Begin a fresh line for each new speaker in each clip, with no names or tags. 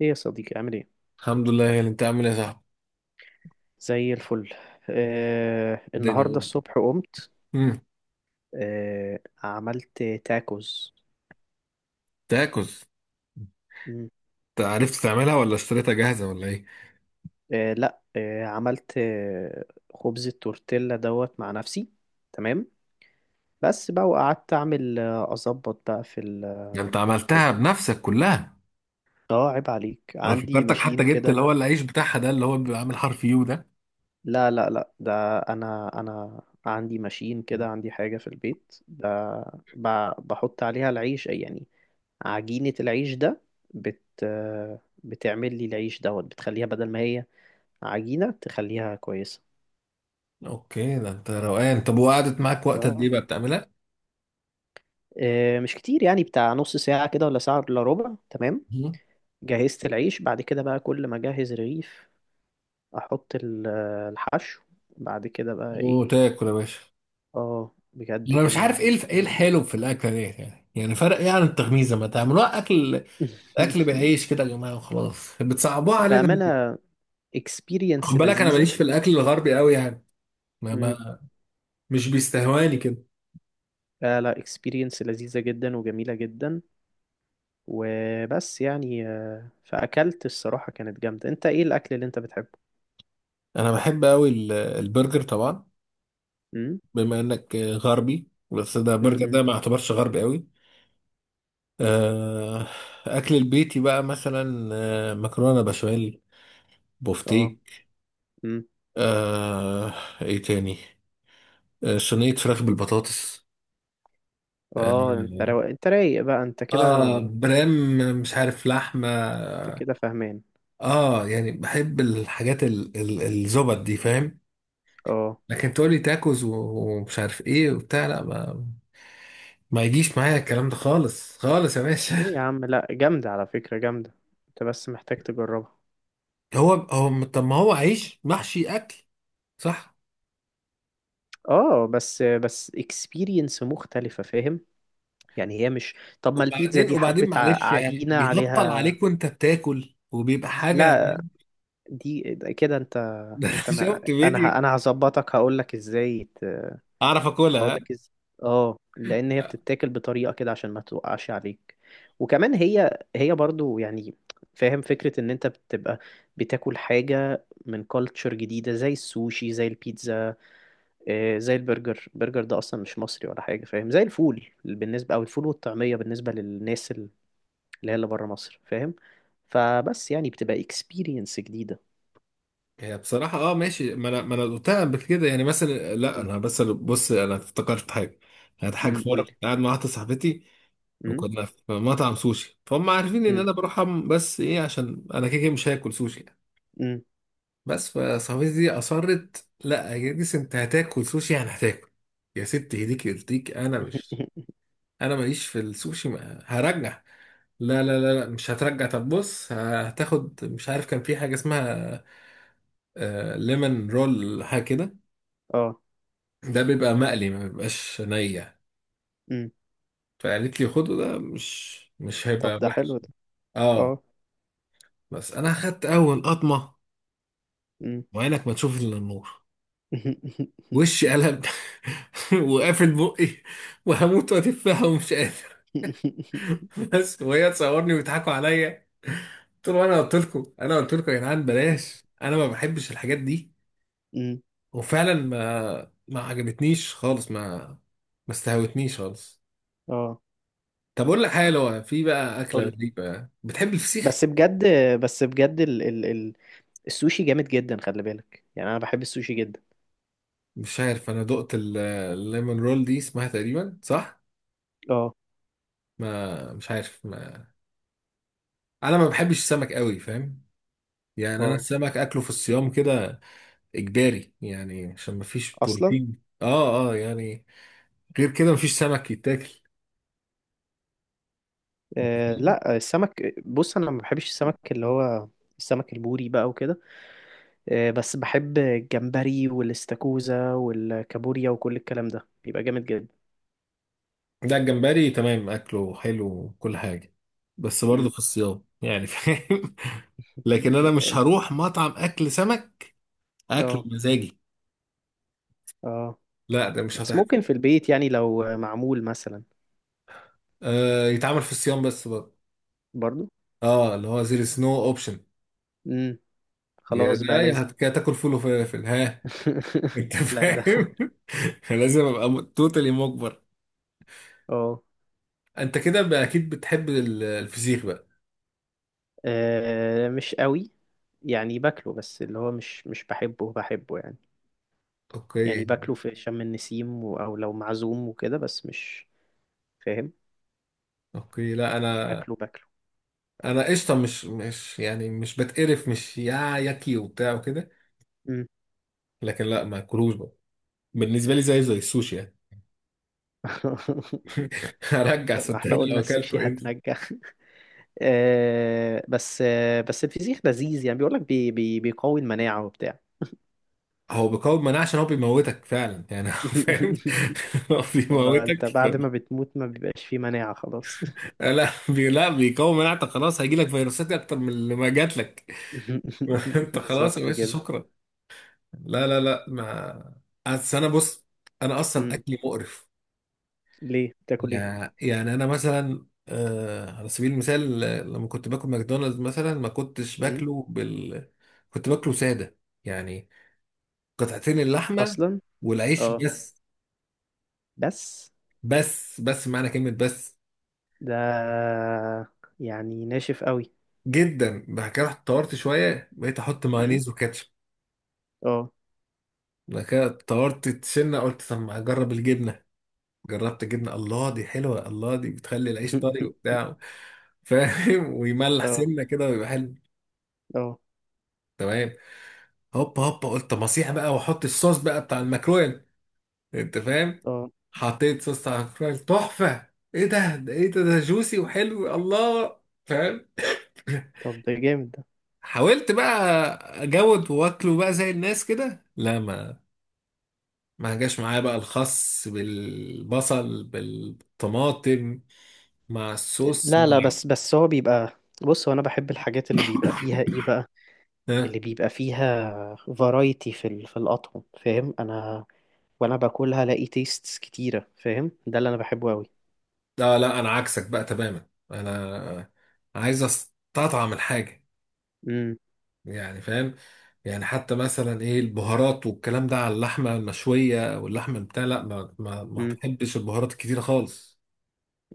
ايه يا صديقي، عامل ايه؟
الحمد لله، يا اللي انت عامل ايه يا صاحبي.
زي الفل.
الدنيا
النهارده
قولي.
الصبح قمت.
امم
عملت تاكوز.
تاكوز.
مم.
انت عرفت تعملها ولا اشتريتها جاهزه ولا ايه؟
لا، عملت خبز التورتيلا دوت مع نفسي. تمام. بس بقى، وقعدت اعمل، اظبط بقى في ال
ده انت
في
عملتها بنفسك كلها؟
اه، عيب عليك،
انا
عندي
فكرتك
ماشين
حتى جبت
كده.
اللي هو العيش بتاعها ده اللي هو بيبقى عامل حرف يو ده.
لا لا لا، ده انا عندي ماشين كده، عندي حاجة في البيت ب... بحط عليها العيش يعني، عجينة العيش ده، بت بتعمل لي العيش دوت، بتخليها بدل ما هي عجينة، تخليها كويسة.
اوكي، ده انت روقان. طب وقعدت معاك وقت قد ايه
اه.
بقى بتعملها؟
مش كتير يعني، بتاع نص ساعة كده ولا ساعة إلا ربع. تمام.
مم.
جهزت العيش، بعد كده بقى كل ما أجهز رغيف أحط الحشو. بعد كده بقى إيه؟
وتاكل يا باشا.
اه، بجد
انا مش
كان
عارف ايه
جامد
الحلو
جدا.
في الاكله ديت، يعني فرق ايه عن التغميزه، ما تعملوها اكل؟ اكل بالعيش كده يا جماعه وخلاص، بتصعبوها علينا ليه؟
بأمانة
خد
experience
بالك انا
لذيذة.
ماليش في الاكل الغربي قوي يعني. ما...
مم.
ما... مش بيستهواني كده.
لا لا، experience لذيذة جدا وجميلة جدا. وبس يعني، فأكلت الصراحة كانت جامدة. انت ايه الأكل اللي انت بتحبه؟
انا بحب قوي البرجر طبعا.
امم.
بما انك غربي، بس ده برجر
امم.
ده ما اعتبرش غربي قوي. آه، اكل البيتي بقى مثلا، مكرونه بشاميل،
اه.
بوفتيك.
امم.
آه، ايه تاني؟ صينيه فراخ بالبطاطس.
اه،
اه
انت رايق بقى انت كده،
برام مش عارف لحمه.
انت كده فاهمان.
اه يعني بحب الحاجات الزبط دي، فاهم.
اه.
لكن تقولي تاكوز ومش عارف ايه وبتاع، لا، ما يجيش معايا الكلام ده خالص خالص يا باشا.
ليه يا عم؟ لا، جامدة على فكرة، جامدة. انت بس محتاج تجربها.
هو هو طب ما هو عيش محشي اكل. صح.
اه، بس اكسبيرينس مختلفة، فاهم؟ يعني هي مش، طب ما البيتزا دي
وبعدين
حبة
معلش، يعني
عجينة
بيهطل
عليها.
عليك وانت بتاكل وبيبقى حاجه
لا، دي كده انت،
ده أنا
انت ما...
شفت
انا ه...
فيديو
انا هظبطك هقولك ازاي،
اعرف
اقول
اكلها.
لك إز... اه، لان هي بتتاكل بطريقه كده عشان ما توقعش عليك. وكمان هي برضو يعني، فاهم فكره ان انت بتبقى بتاكل حاجه من كالتشر جديده، زي السوشي، زي البيتزا، زي البرجر. البرجر ده اصلا مش مصري ولا حاجه، فاهم؟ زي الفول بالنسبه، او الفول والطعميه بالنسبه للناس اللي هي اللي بره مصر، فاهم؟ فبس يعني بتبقى اكسبيرينس جديده.
هي بصراحه ماشي، ما انا قلتها قبل كده يعني. مثلا لا،
امم.
انا بس، بص انا افتكرت حاجه. كانت حاجه
أمم،
في
قول
مره،
لي.
كنت قاعد مع واحده صاحبتي
امم.
وكنا في مطعم سوشي، فهم عارفين ان
امم.
انا بروح بس ايه، عشان انا كده كده مش هاكل سوشي يعني.
أمم.
بس فصاحبتي دي اصرت، لا يا جديس، انت هتاكل سوشي، يعني هتاكل. يا ست ايديك يرضيك، انا ماليش في السوشي، ما هرجع. لا لا لا لا، مش هترجع، طب بص هتاخد، مش عارف كان في حاجه اسمها ليمون رول حاجه كده،
اه.
ده بيبقى مقلي ما بيبقاش نية.
امم.
فقالت لي خده، ده مش
طب
هيبقى
ده حلو
وحش.
ده.
اه
اه.
بس انا خدت اول قطمه، وعينك ما تشوف الا النور، وشي قلب وقافل بقي، وهموت واتفها ومش قادر بس وهي تصورني ويضحكوا عليا. قلت له انا قلت لكم، انا قلت لكم يا جدعان بلاش، انا ما بحبش الحاجات دي.
أمم،
وفعلا ما عجبتنيش خالص، ما استهوتنيش خالص.
اه.
طب اقول لك حاجه، لو في بقى اكله
قولي.
غريبه، بتحب الفسيخ؟
بس بجد، بس بجد، ال السوشي جامد جدا، خلي بالك، يعني انا بحب السوشي جدا.
مش عارف، انا دقت الليمون رول دي اسمها تقريبا صح؟
اه.
ما مش عارف ما. انا ما بحبش السمك قوي فاهم. يعني انا
اه.
السمك اكله في الصيام كده، اجباري، يعني عشان مفيش
اصلا.
بروتين. اه اه يعني غير كده مفيش سمك يتاكل.
آه، لا، السمك بص انا ما بحبش السمك اللي هو السمك البوري بقى وكده. آه، بس بحب الجمبري والاستاكوزا والكابوريا، وكل الكلام ده بيبقى جامد جدا.
ده الجمبري تمام، اكله حلو وكل حاجه، بس برضه
أمم،
في الصيام يعني، فاهم لكن انا مش
اه.
هروح مطعم اكل سمك، اكله
اه.
مزاجي.
آه.
لا ده مش
بس
هتحصل.
ممكن في البيت يعني، لو معمول مثلا.
يتعمل في الصيام بس برضه.
برضو.
اه اللي هو زير سنو اوبشن.
امم.
يا
خلاص بقى،
ده، يا
لازم.
يا تاكل فول وفلافل، ها؟ انت
لا ده.
فاهم لازم ابقى توتالي مجبر.
اه.
انت كده بقى اكيد بتحب الفسيخ بقى.
مش قوي، يعني باكله بس اللي هو مش بحبه بحبه، يعني.
اوكي.
يعني باكله في شم النسيم، او لو معزوم وكده، بس مش، فاهم،
اوكي، لا،
مش باكله باكله.
انا قشطه، مش يعني مش بتقرف، مش يا ياكي وبتاع وكده،
مم.
لكن لا، ما اكلوش بقى. بالنسبه لي زي السوشي يعني هرجع
طب ما احنا
صدقني لو
قلنا السوشي
اكلته انت.
هتنجح. آه بس الفسيخ لذيذ، يعني بيقول لك بي بي بيقوي المناعة وبتاع.
هو بيقاوم مناعه، عشان هو بيموتك فعلا يعني هو فاهم. هو
هو انت
بيموتك
بعد ما بتموت ما بيبقاش فيه مناعة، خلاص.
لا لا بيقاوم مناعتك خلاص، هيجي لك فيروسات اكتر من اللي ما جات لك انت
بالظبط
خلاص يا باشا
كده.
شكرا. لا لا لا، ما أصل انا بص، انا اصلا
مم.
اكلي مقرف.
ليه؟ بتاكل ايه؟
يعني انا مثلا، على سبيل المثال، لما كنت باكل ماكدونالدز مثلا، ما كنتش
مم.
باكله كنت باكله ساده يعني، قطعتين اللحمه
اصلا.
والعيش
اه.
بس.
بس.
بس معنى كلمه بس،
ده يعني ناشف قوي.
جدا. بعد كده رحت طورت شويه، بقيت احط
مم.
مايونيز وكاتشب.
اه.
بعد كده طورت سنه قلت، طب ما اجرب الجبنه. جربت الجبنه، الله دي حلوه، الله دي بتخلي العيش طري وبتاع، فاهم ويملح
اه.
سنه كده ويبقى حلو.
اه.
تمام. هوبا هوبا قلت، طب اصيح بقى واحط الصوص بقى بتاع الماكرويل، انت فاهم.
اه.
حطيت صوص بتاع الماكرويل تحفه. ايه ده، ايه ده جوسي وحلو، الله، فاهم.
طب ده جامد ده.
حاولت بقى اجود واكله بقى زي الناس كده، لا، ما جاش معايا بقى الخس بالبصل بالطماطم مع الصوص
لا لا، بس هو بيبقى، بص هو انا بحب الحاجات اللي بيبقى فيها ايه بقى؟ اللي
ها.
بيبقى فيها فرايتي في الاطعم، فاهم؟ انا وانا باكلها الاقي تيستس كتيره، فاهم؟ ده اللي انا بحبه قوي.
لا لا، انا عكسك بقى تماما، انا عايز استطعم الحاجه،
امم.
يعني فاهم. يعني حتى مثلا، ايه البهارات والكلام ده على اللحمه المشويه واللحمه بتاع، لا، ما
امم.
بحبش البهارات الكتيره خالص.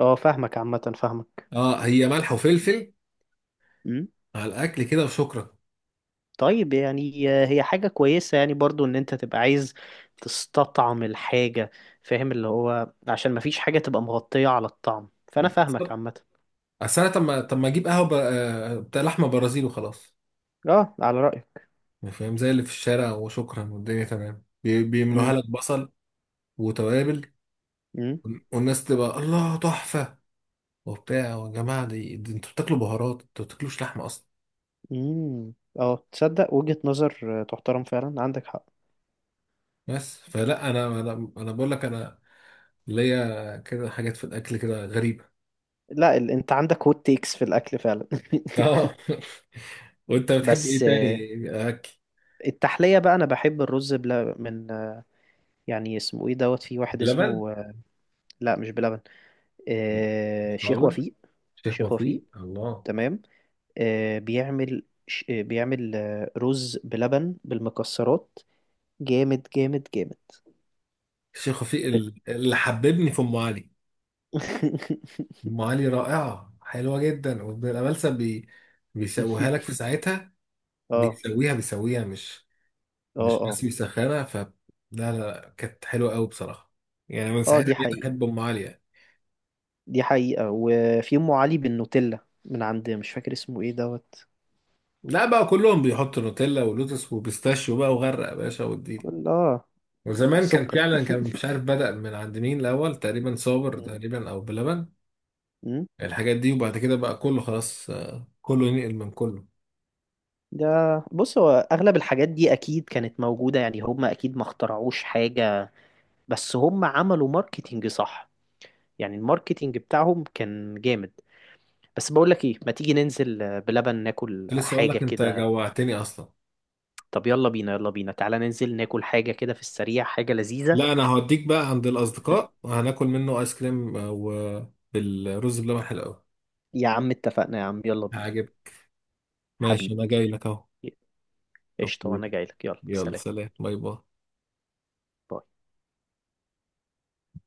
اه، فاهمك عامه.
اه، هي ملح وفلفل
فاهمك.
على الاكل كده وشكرا.
طيب يعني هي حاجة كويسة يعني برضو ان انت تبقى عايز تستطعم الحاجة، فاهم؟ اللي هو عشان مفيش حاجة تبقى مغطية على الطعم. فانا فاهمك
بالظبط.
عامة.
اصل انا، طب ما اجيب قهوه بتاع لحمه برازيل وخلاص،
اه، على رأيك.
يعني فاهم، زي اللي في الشارع وشكرا، والدنيا تمام، بيعملوها
امم.
لك بصل وتوابل،
امم.
والناس تبقى، الله تحفه، وبتاع. يا جماعه دي انتوا بتاكلوا بهارات، انتوا ما بتاكلوش لحمه اصلا.
امم. اه، تصدق وجهة نظر، تحترم فعلا، عندك حق.
بس فلا، انا انا أنا بقول لك، انا اللي هي كده حاجات في الاكل كده غريبه.
لا انت عندك هوت تيكس في الاكل فعلا.
اه وانت بتحب
بس
ايه تاني اكل؟
التحلية بقى، انا بحب الرز بلبن من، يعني اسمه ايه دوت، في واحد
لبن.
اسمه، لا مش بلبن، شيخ
صابر،
وفيق.
شيخ
شيخ وفيق،
وفيق، الله.
تمام. بيعمل بيعمل رز بلبن بالمكسرات. جامد جامد جامد.
الشيخ وفيق اللي حببني في ام علي. ام علي رائعه، حلوه جدا، وابن الامالسه بيسويها لك في ساعتها.
اه
بيسويها، مش
اه
بس
اه.
بيسخنها، لا لا لا، كانت حلوه قوي بصراحه. يعني من
اه.
ساعتها
دي
بقيت
حقيقة.
احب ام علي يعني.
دي حقيقة. وفي أم علي بالنوتيلا من عند، مش فاكر اسمه ايه دوت.
لا بقى كلهم بيحطوا نوتيلا ولوتس وبيستاشيو بقى، وغرق يا باشا والديل.
كل اه.
وزمان كان
سكر.
فعلا، كان مش عارف بدأ من عند مين الأول، تقريبا صابر
مم.
تقريبا، أو بلبن.
مم.
الحاجات دي، وبعد كده بقى كله خلاص، كله ينقل من كله.
ده بص، هو أغلب الحاجات دي أكيد كانت موجودة، يعني هم أكيد ما اخترعوش حاجة، بس هم عملوا ماركتينج، صح؟ يعني الماركتينج بتاعهم كان جامد. بس بقول لك ايه، ما تيجي ننزل، بلبن، ناكل
كنت لسه أقول
حاجة
لك، أنت
كده.
جوعتني أصلا.
طب يلا بينا، يلا بينا، تعالى ننزل ناكل حاجة كده في السريع، حاجة لذيذة.
لا، أنا هوديك بقى عند الأصدقاء وهناكل منه آيس كريم، وبالرز بلبن حلو أوي،
يا عم اتفقنا يا عم، يلا بينا.
هعجبك. ماشي، أنا
حبيبي،
جاي لك أهو.
قشطة، وانا
أوكي.
جاي لك. يلا
يلا
سلام.
سلام، باي باي.